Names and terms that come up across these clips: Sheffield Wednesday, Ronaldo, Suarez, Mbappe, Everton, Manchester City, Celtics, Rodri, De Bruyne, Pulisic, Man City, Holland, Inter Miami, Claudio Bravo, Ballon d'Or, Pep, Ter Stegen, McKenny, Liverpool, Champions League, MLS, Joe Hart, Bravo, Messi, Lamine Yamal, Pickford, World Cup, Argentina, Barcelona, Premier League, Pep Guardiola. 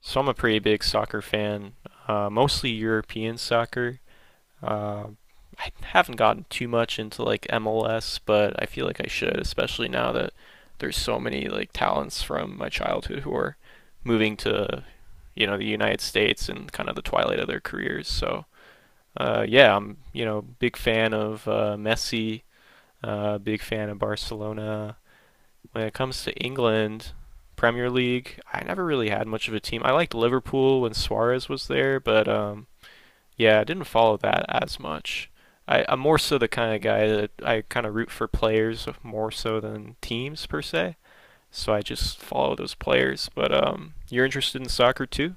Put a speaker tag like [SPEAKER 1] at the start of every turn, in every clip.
[SPEAKER 1] So I'm a pretty big soccer fan, mostly European soccer. Uh, I haven't gotten too much into like MLS, but I feel like I should, especially now that there's so many like talents from my childhood who are moving to the United States and kind of the twilight of their careers. So yeah, I'm big fan of Messi, big fan of Barcelona. When it comes to England, Premier League, I never really had much of a team. I liked Liverpool when Suarez was there, but yeah, I didn't follow that as much. I'm more so the kind of guy that I kind of root for players more so than teams per se. So I just follow those players. But you're interested in soccer too,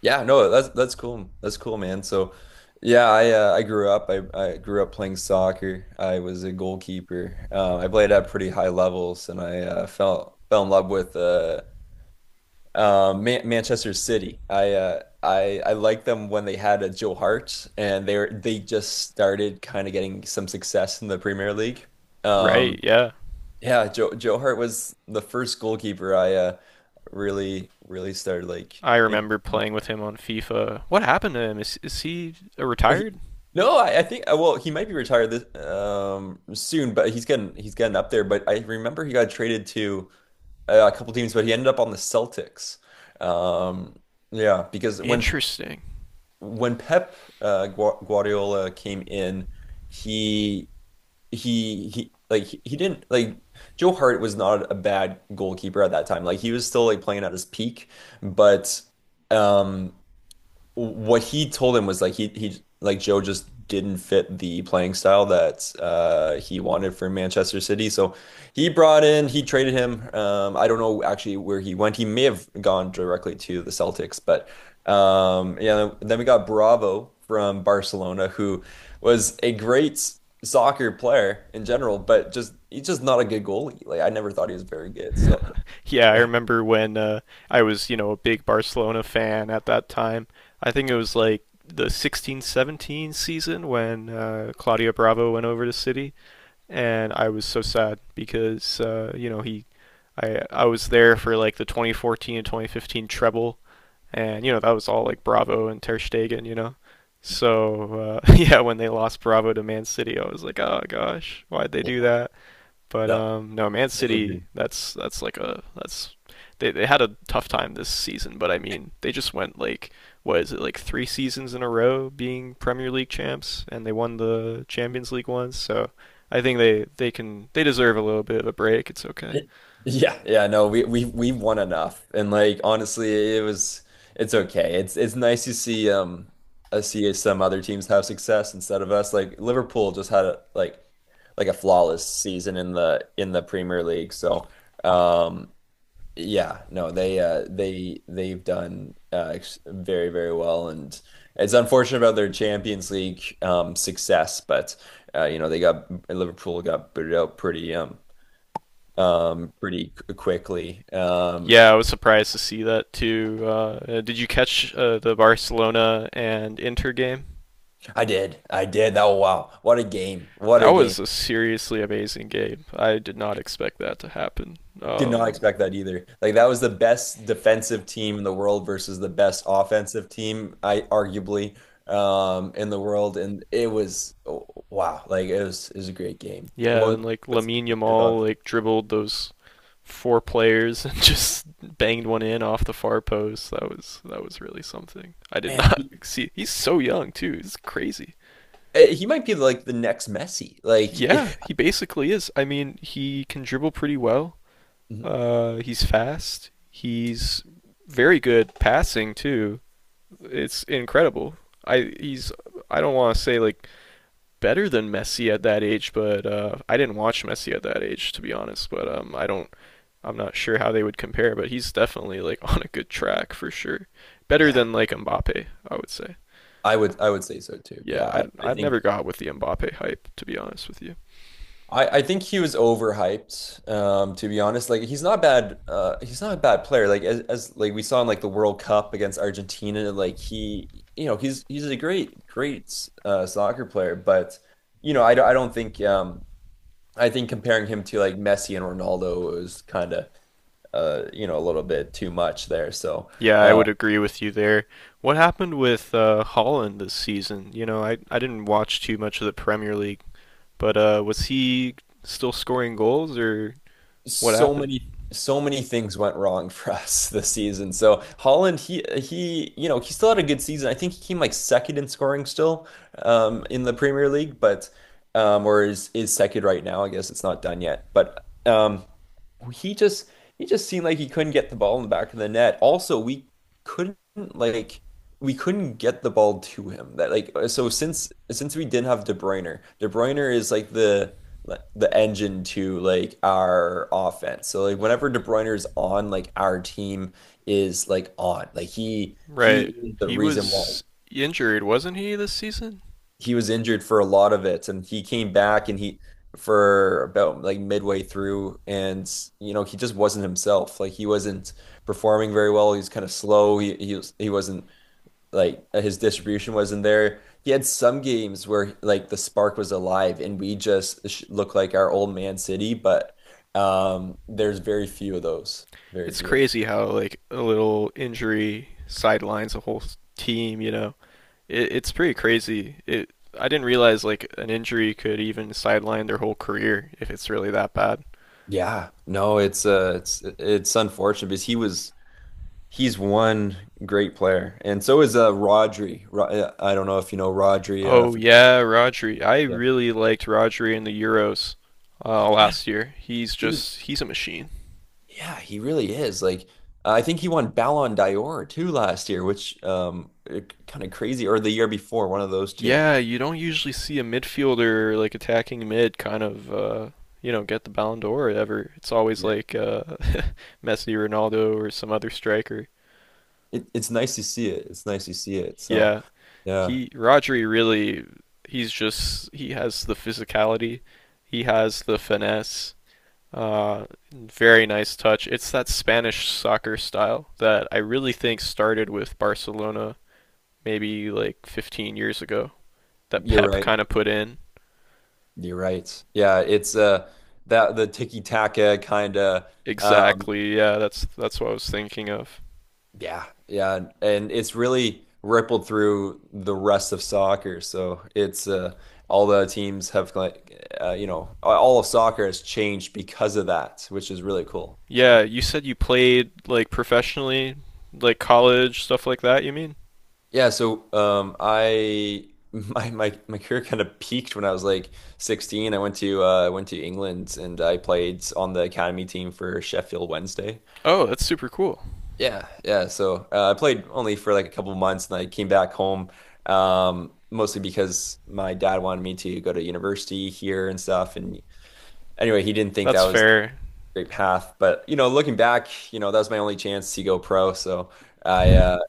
[SPEAKER 2] Yeah, no, that's cool. That's cool, man. So, yeah, I grew up. I grew up playing soccer. I was a goalkeeper. I played at pretty high levels, and I fell in love with Manchester City. I liked them when they had a Joe Hart, and they were they just started kind of getting some success in the Premier League.
[SPEAKER 1] right?
[SPEAKER 2] Um,
[SPEAKER 1] Yeah,
[SPEAKER 2] yeah, Joe Hart was the first goalkeeper I really started like.
[SPEAKER 1] I remember playing with him on FIFA. What happened to him? Is he
[SPEAKER 2] He-
[SPEAKER 1] retired?
[SPEAKER 2] No, I think well he might be retired this soon, but he's getting up there. But I remember he got traded to a couple teams, but he ended up on the Celtics. Um, yeah, because when
[SPEAKER 1] Interesting.
[SPEAKER 2] when Pep Guardiola came in, he he didn't like Joe Hart was not a bad goalkeeper at that time. Like he was still like playing at his peak, but um what he told him was like he like Joe just didn't fit the playing style that he wanted for Manchester City. So he traded him. Um, I don't know actually where he went. He may have gone directly to the Celtics, but um, yeah, then we got Bravo from Barcelona who was a great soccer player in general, but just he's just not a good goalie. Like I never thought he was very good. So
[SPEAKER 1] Yeah, I remember when I was, you know, a big Barcelona fan at that time. I think it was like the 16 17 season when Claudio Bravo went over to City, and I was so sad because I was there for like the 2014 and 2015 treble, and that was all like Bravo and Ter Stegen. So yeah, when they lost Bravo to Man City, I was like, oh gosh, why'd they do
[SPEAKER 2] yeah.
[SPEAKER 1] that? But
[SPEAKER 2] No,
[SPEAKER 1] no, Man
[SPEAKER 2] totally agree.
[SPEAKER 1] City. That's like a that's they had a tough time this season. But I mean, they just went like, what is it, like three seasons in a row being Premier League champs, and they won the Champions League once. So I think they deserve a little bit of a break. It's okay.
[SPEAKER 2] Yeah, yeah, no, we won enough. And like honestly, it's okay. It's nice to see see some other teams have success instead of us. Like Liverpool just had a like a flawless season in the Premier League. So, um, yeah, no, they they've done very well, and it's unfortunate about their Champions League success, but you know, they got Liverpool got booted out pretty pretty quickly. Um,
[SPEAKER 1] Yeah, I was surprised to see that too. Did you catch the Barcelona and Inter game?
[SPEAKER 2] I did. I did. That Wow. What a game. What
[SPEAKER 1] That
[SPEAKER 2] a
[SPEAKER 1] was
[SPEAKER 2] game.
[SPEAKER 1] a seriously amazing game. I did not expect that to happen.
[SPEAKER 2] Did not
[SPEAKER 1] Um,
[SPEAKER 2] expect that either. Like that was the best defensive team in the world versus the best offensive team, I arguably in the world, and it was oh, wow. Like it was a great game. It
[SPEAKER 1] Yeah,
[SPEAKER 2] was
[SPEAKER 1] and like
[SPEAKER 2] what's
[SPEAKER 1] Lamine
[SPEAKER 2] your
[SPEAKER 1] Yamal
[SPEAKER 2] thoughts?
[SPEAKER 1] like dribbled those four players and just banged one in off the far post. That was really something. I did
[SPEAKER 2] Man,
[SPEAKER 1] not see. He's so young too. It's crazy.
[SPEAKER 2] he might be like the next Messi. Like
[SPEAKER 1] Yeah, he basically is. I mean, he can dribble pretty well. He's fast. He's very good passing too. It's incredible. I he's I don't want to say like better than Messi at that age, but I didn't watch Messi at that age to be honest. But I'm not sure how they would compare, but he's definitely like on a good track for sure. Better
[SPEAKER 2] yeah.
[SPEAKER 1] than like Mbappe, I would say.
[SPEAKER 2] I would say so too. Yeah,
[SPEAKER 1] Yeah, I
[SPEAKER 2] I
[SPEAKER 1] never
[SPEAKER 2] think
[SPEAKER 1] got with the Mbappe hype to be honest with you.
[SPEAKER 2] I think he was overhyped, to be honest. Like he's not bad he's not a bad player. Like as like we saw in like the World Cup against Argentina, like he you know, he's a great soccer player, but you know, I don't think I think comparing him to like Messi and Ronaldo was kind of you know, a little bit too much there. So,
[SPEAKER 1] Yeah, I
[SPEAKER 2] uh,
[SPEAKER 1] would agree with you there. What happened with Holland this season? You know, I didn't watch too much of the Premier League, but was he still scoring goals or what happened?
[SPEAKER 2] so many things went wrong for us this season. So Holland, you know, he still had a good season. I think he came like second in scoring still in the Premier League, but or is second right now. I guess it's not done yet. But he just he just seemed like he couldn't get the ball in the back of the net. Also, couldn't like we couldn't get the ball to him. That like so since we didn't have De Bruyne, De Bruyne is like the engine to like our offense. So like whenever De Bruyne is on, like our team is like on. Like he
[SPEAKER 1] Right,
[SPEAKER 2] is the
[SPEAKER 1] he
[SPEAKER 2] reason why
[SPEAKER 1] was injured, wasn't he this season?
[SPEAKER 2] he was injured for a lot of it, and he came back and he for about like midway through. And you know, he just wasn't himself. Like he wasn't performing very well. He was kind of slow. He wasn't like his distribution wasn't there. He had some games where like the spark was alive and we just look like our old Man City, but um, there's very few of those, very
[SPEAKER 1] It's
[SPEAKER 2] few of them.
[SPEAKER 1] crazy how like a little injury sidelines a whole team, you know. It's pretty crazy. It I didn't realize like an injury could even sideline their whole career if it's really that bad.
[SPEAKER 2] Yeah, no, it's it's unfortunate because he's one great player, and so is uh, Rodri. I don't know if you know Rodri.
[SPEAKER 1] Oh
[SPEAKER 2] For,
[SPEAKER 1] yeah, Rodri. I
[SPEAKER 2] yeah.
[SPEAKER 1] really liked Rodri in the Euros last year.
[SPEAKER 2] He was,
[SPEAKER 1] He's a machine.
[SPEAKER 2] yeah, he really is. Like, I think he won Ballon d'Or too last year, which um, kind of crazy, or the year before, one of those two.
[SPEAKER 1] Yeah, you don't usually see a midfielder like attacking mid kind of get the Ballon d'Or ever. It's always
[SPEAKER 2] Yeah.
[SPEAKER 1] like Messi, Ronaldo, or some other striker.
[SPEAKER 2] It's nice to see it. It's nice to see it. So,
[SPEAKER 1] Yeah,
[SPEAKER 2] yeah,
[SPEAKER 1] He Rodri really he has the physicality, he has the finesse. Uh, very nice touch. It's that Spanish soccer style that I really think started with Barcelona maybe like 15 years ago that
[SPEAKER 2] you're
[SPEAKER 1] Pep
[SPEAKER 2] right.
[SPEAKER 1] kind of put in.
[SPEAKER 2] You're right. Yeah, it's that the tiki-taka kind of.
[SPEAKER 1] Exactly. Yeah, that's what I was thinking of.
[SPEAKER 2] Yeah, yeah, and it's really rippled through the rest of soccer. So it's all the teams have like you know, all of soccer has changed because of that, which is really cool.
[SPEAKER 1] Yeah,
[SPEAKER 2] So
[SPEAKER 1] you said you played like professionally, like college stuff like that, you mean?
[SPEAKER 2] yeah, so I my career kind of peaked when I was like 16. I went to England and I played on the academy team for Sheffield Wednesday.
[SPEAKER 1] Oh, that's super cool.
[SPEAKER 2] Yeah, yeah. So I played only for like a couple of months, and I came back home mostly because my dad wanted me to go to university here and stuff. And anyway, he didn't think that
[SPEAKER 1] That's
[SPEAKER 2] was a
[SPEAKER 1] fair.
[SPEAKER 2] great path. But you know, looking back, you know, that was my only chance to go pro. So I,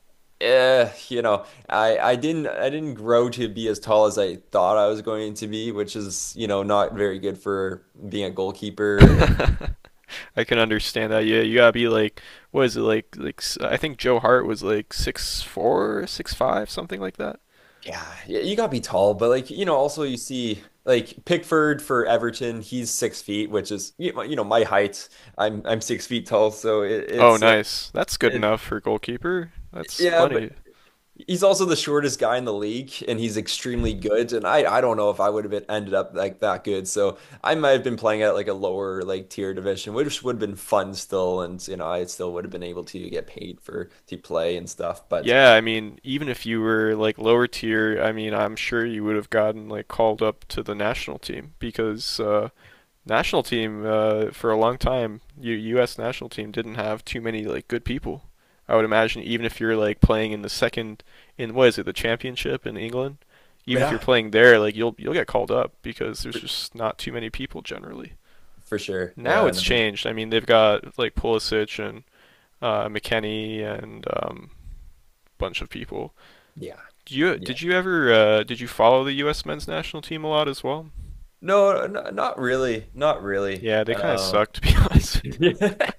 [SPEAKER 2] eh, you know, I didn't I didn't grow to be as tall as I thought I was going to be, which is you know, not very good for being a goalkeeper. And
[SPEAKER 1] I can understand that. Yeah, you gotta be like, what is it like? I think Joe Hart was like 6'4", 6'5", something like that.
[SPEAKER 2] yeah, you gotta be tall, but like you know, also you see like Pickford for Everton, he's 6 feet, which is you know, my height. I'm 6 feet tall, so
[SPEAKER 1] Oh,
[SPEAKER 2] it's
[SPEAKER 1] nice. That's good
[SPEAKER 2] it
[SPEAKER 1] enough for goalkeeper. That's
[SPEAKER 2] yeah, but
[SPEAKER 1] plenty.
[SPEAKER 2] he's also the shortest guy in the league, and he's extremely good. And I don't know if I would have been ended up like that good, so I might have been playing at like a lower like tier division, which would have been fun still, and you know, I still would have been able to get paid for to play and stuff. But
[SPEAKER 1] Yeah, I mean, even if you were like lower tier, I mean, I'm sure you would have gotten like called up to the national team because national team for a long time. U.S. national team didn't have too many like good people. I would imagine even if you're like playing in the second in what is it the championship in England, even if you're
[SPEAKER 2] yeah,
[SPEAKER 1] playing there, like you'll get called up because there's
[SPEAKER 2] for,
[SPEAKER 1] just not too many people generally.
[SPEAKER 2] for sure,
[SPEAKER 1] Now
[SPEAKER 2] yeah,
[SPEAKER 1] it's
[SPEAKER 2] no,
[SPEAKER 1] changed. I mean they've got like Pulisic and McKenny and a bunch of people.
[SPEAKER 2] yeah.
[SPEAKER 1] Do you did you ever did you follow the U.S. men's national team a lot as well?
[SPEAKER 2] No, not really, not really.
[SPEAKER 1] Yeah, they kind of sucked, to be honest.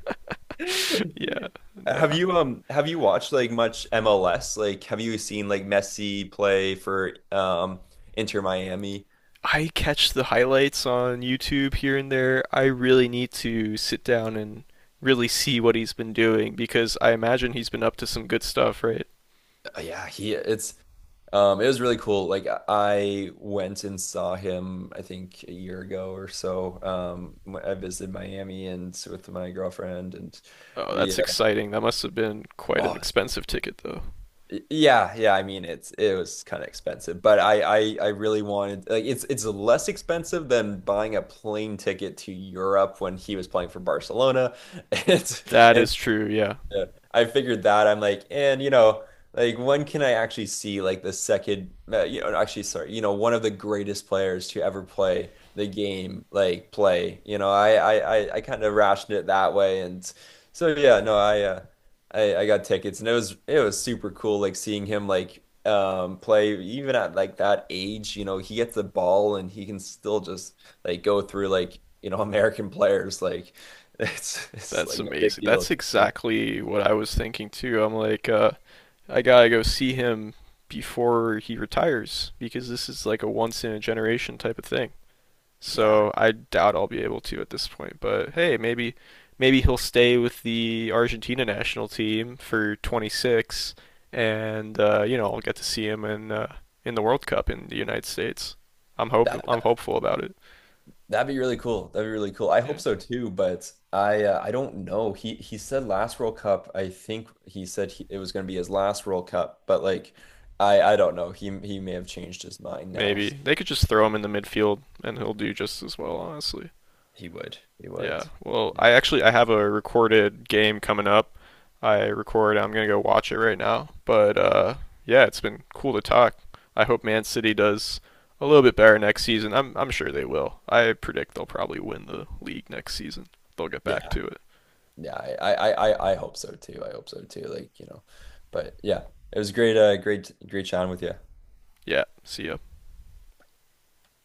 [SPEAKER 1] yeah,
[SPEAKER 2] have
[SPEAKER 1] yeah.
[SPEAKER 2] you have you watched like much MLS? Like, have you seen like Messi play for um, Inter Miami?
[SPEAKER 1] I catch the highlights on YouTube here and there. I really need to sit down and really see what he's been doing because I imagine he's been up to some good stuff, right?
[SPEAKER 2] Yeah, he it's um, it was really cool. Like, I went and saw him, I think a year ago or so. I visited Miami and with my girlfriend, and
[SPEAKER 1] Oh,
[SPEAKER 2] we
[SPEAKER 1] that's exciting. That must have been quite an
[SPEAKER 2] oh,
[SPEAKER 1] expensive ticket, though.
[SPEAKER 2] yeah, yeah. I mean, it was kind of expensive, but I really wanted like it's less expensive than buying a plane ticket to Europe when he was playing for Barcelona. It's
[SPEAKER 1] That
[SPEAKER 2] and
[SPEAKER 1] is true, yeah.
[SPEAKER 2] yeah, I figured that. I'm like, and you know, like when can I actually see like the second, you know, actually, sorry, you know, one of the greatest players to ever play the game, like play. You know, I kind of rationed it that way, and so yeah, no, I got tickets, and it was super cool, like seeing him like um, play even at like that age. You know, he gets the ball and he can still just like go through like you know, American players, like it's
[SPEAKER 1] That's
[SPEAKER 2] like no big
[SPEAKER 1] amazing.
[SPEAKER 2] deal.
[SPEAKER 1] That's exactly what I was thinking, too. I'm like, I gotta go see him before he retires because this is like a once in a generation type of thing.
[SPEAKER 2] Yeah,
[SPEAKER 1] So I doubt I'll be able to at this point. But hey, maybe he'll stay with the Argentina national team for 26, and I'll get to see him in the World Cup in the United States.
[SPEAKER 2] that
[SPEAKER 1] I'm hopeful about it.
[SPEAKER 2] that'd be really cool. That'd be really cool. I
[SPEAKER 1] Yeah,
[SPEAKER 2] hope so too, but I don't know. He said last World Cup. I think he said it was going to be his last World Cup, but like I don't know. He may have changed his mind now.
[SPEAKER 1] maybe they could just throw him in the midfield, and he'll do just as well. Honestly,
[SPEAKER 2] He would. He
[SPEAKER 1] Yeah.
[SPEAKER 2] would.
[SPEAKER 1] Well,
[SPEAKER 2] Yeah.
[SPEAKER 1] I actually I have a recorded game coming up. I record. I'm gonna go watch it right now. But yeah, it's been cool to talk. I hope Man City does a little bit better next season. I'm sure they will. I predict they'll probably win the league next season. They'll get back
[SPEAKER 2] Yeah,
[SPEAKER 1] to it.
[SPEAKER 2] yeah. I hope so too. I hope so too. Like, you know. But yeah, it was great great chatting with you.
[SPEAKER 1] Yeah. See ya.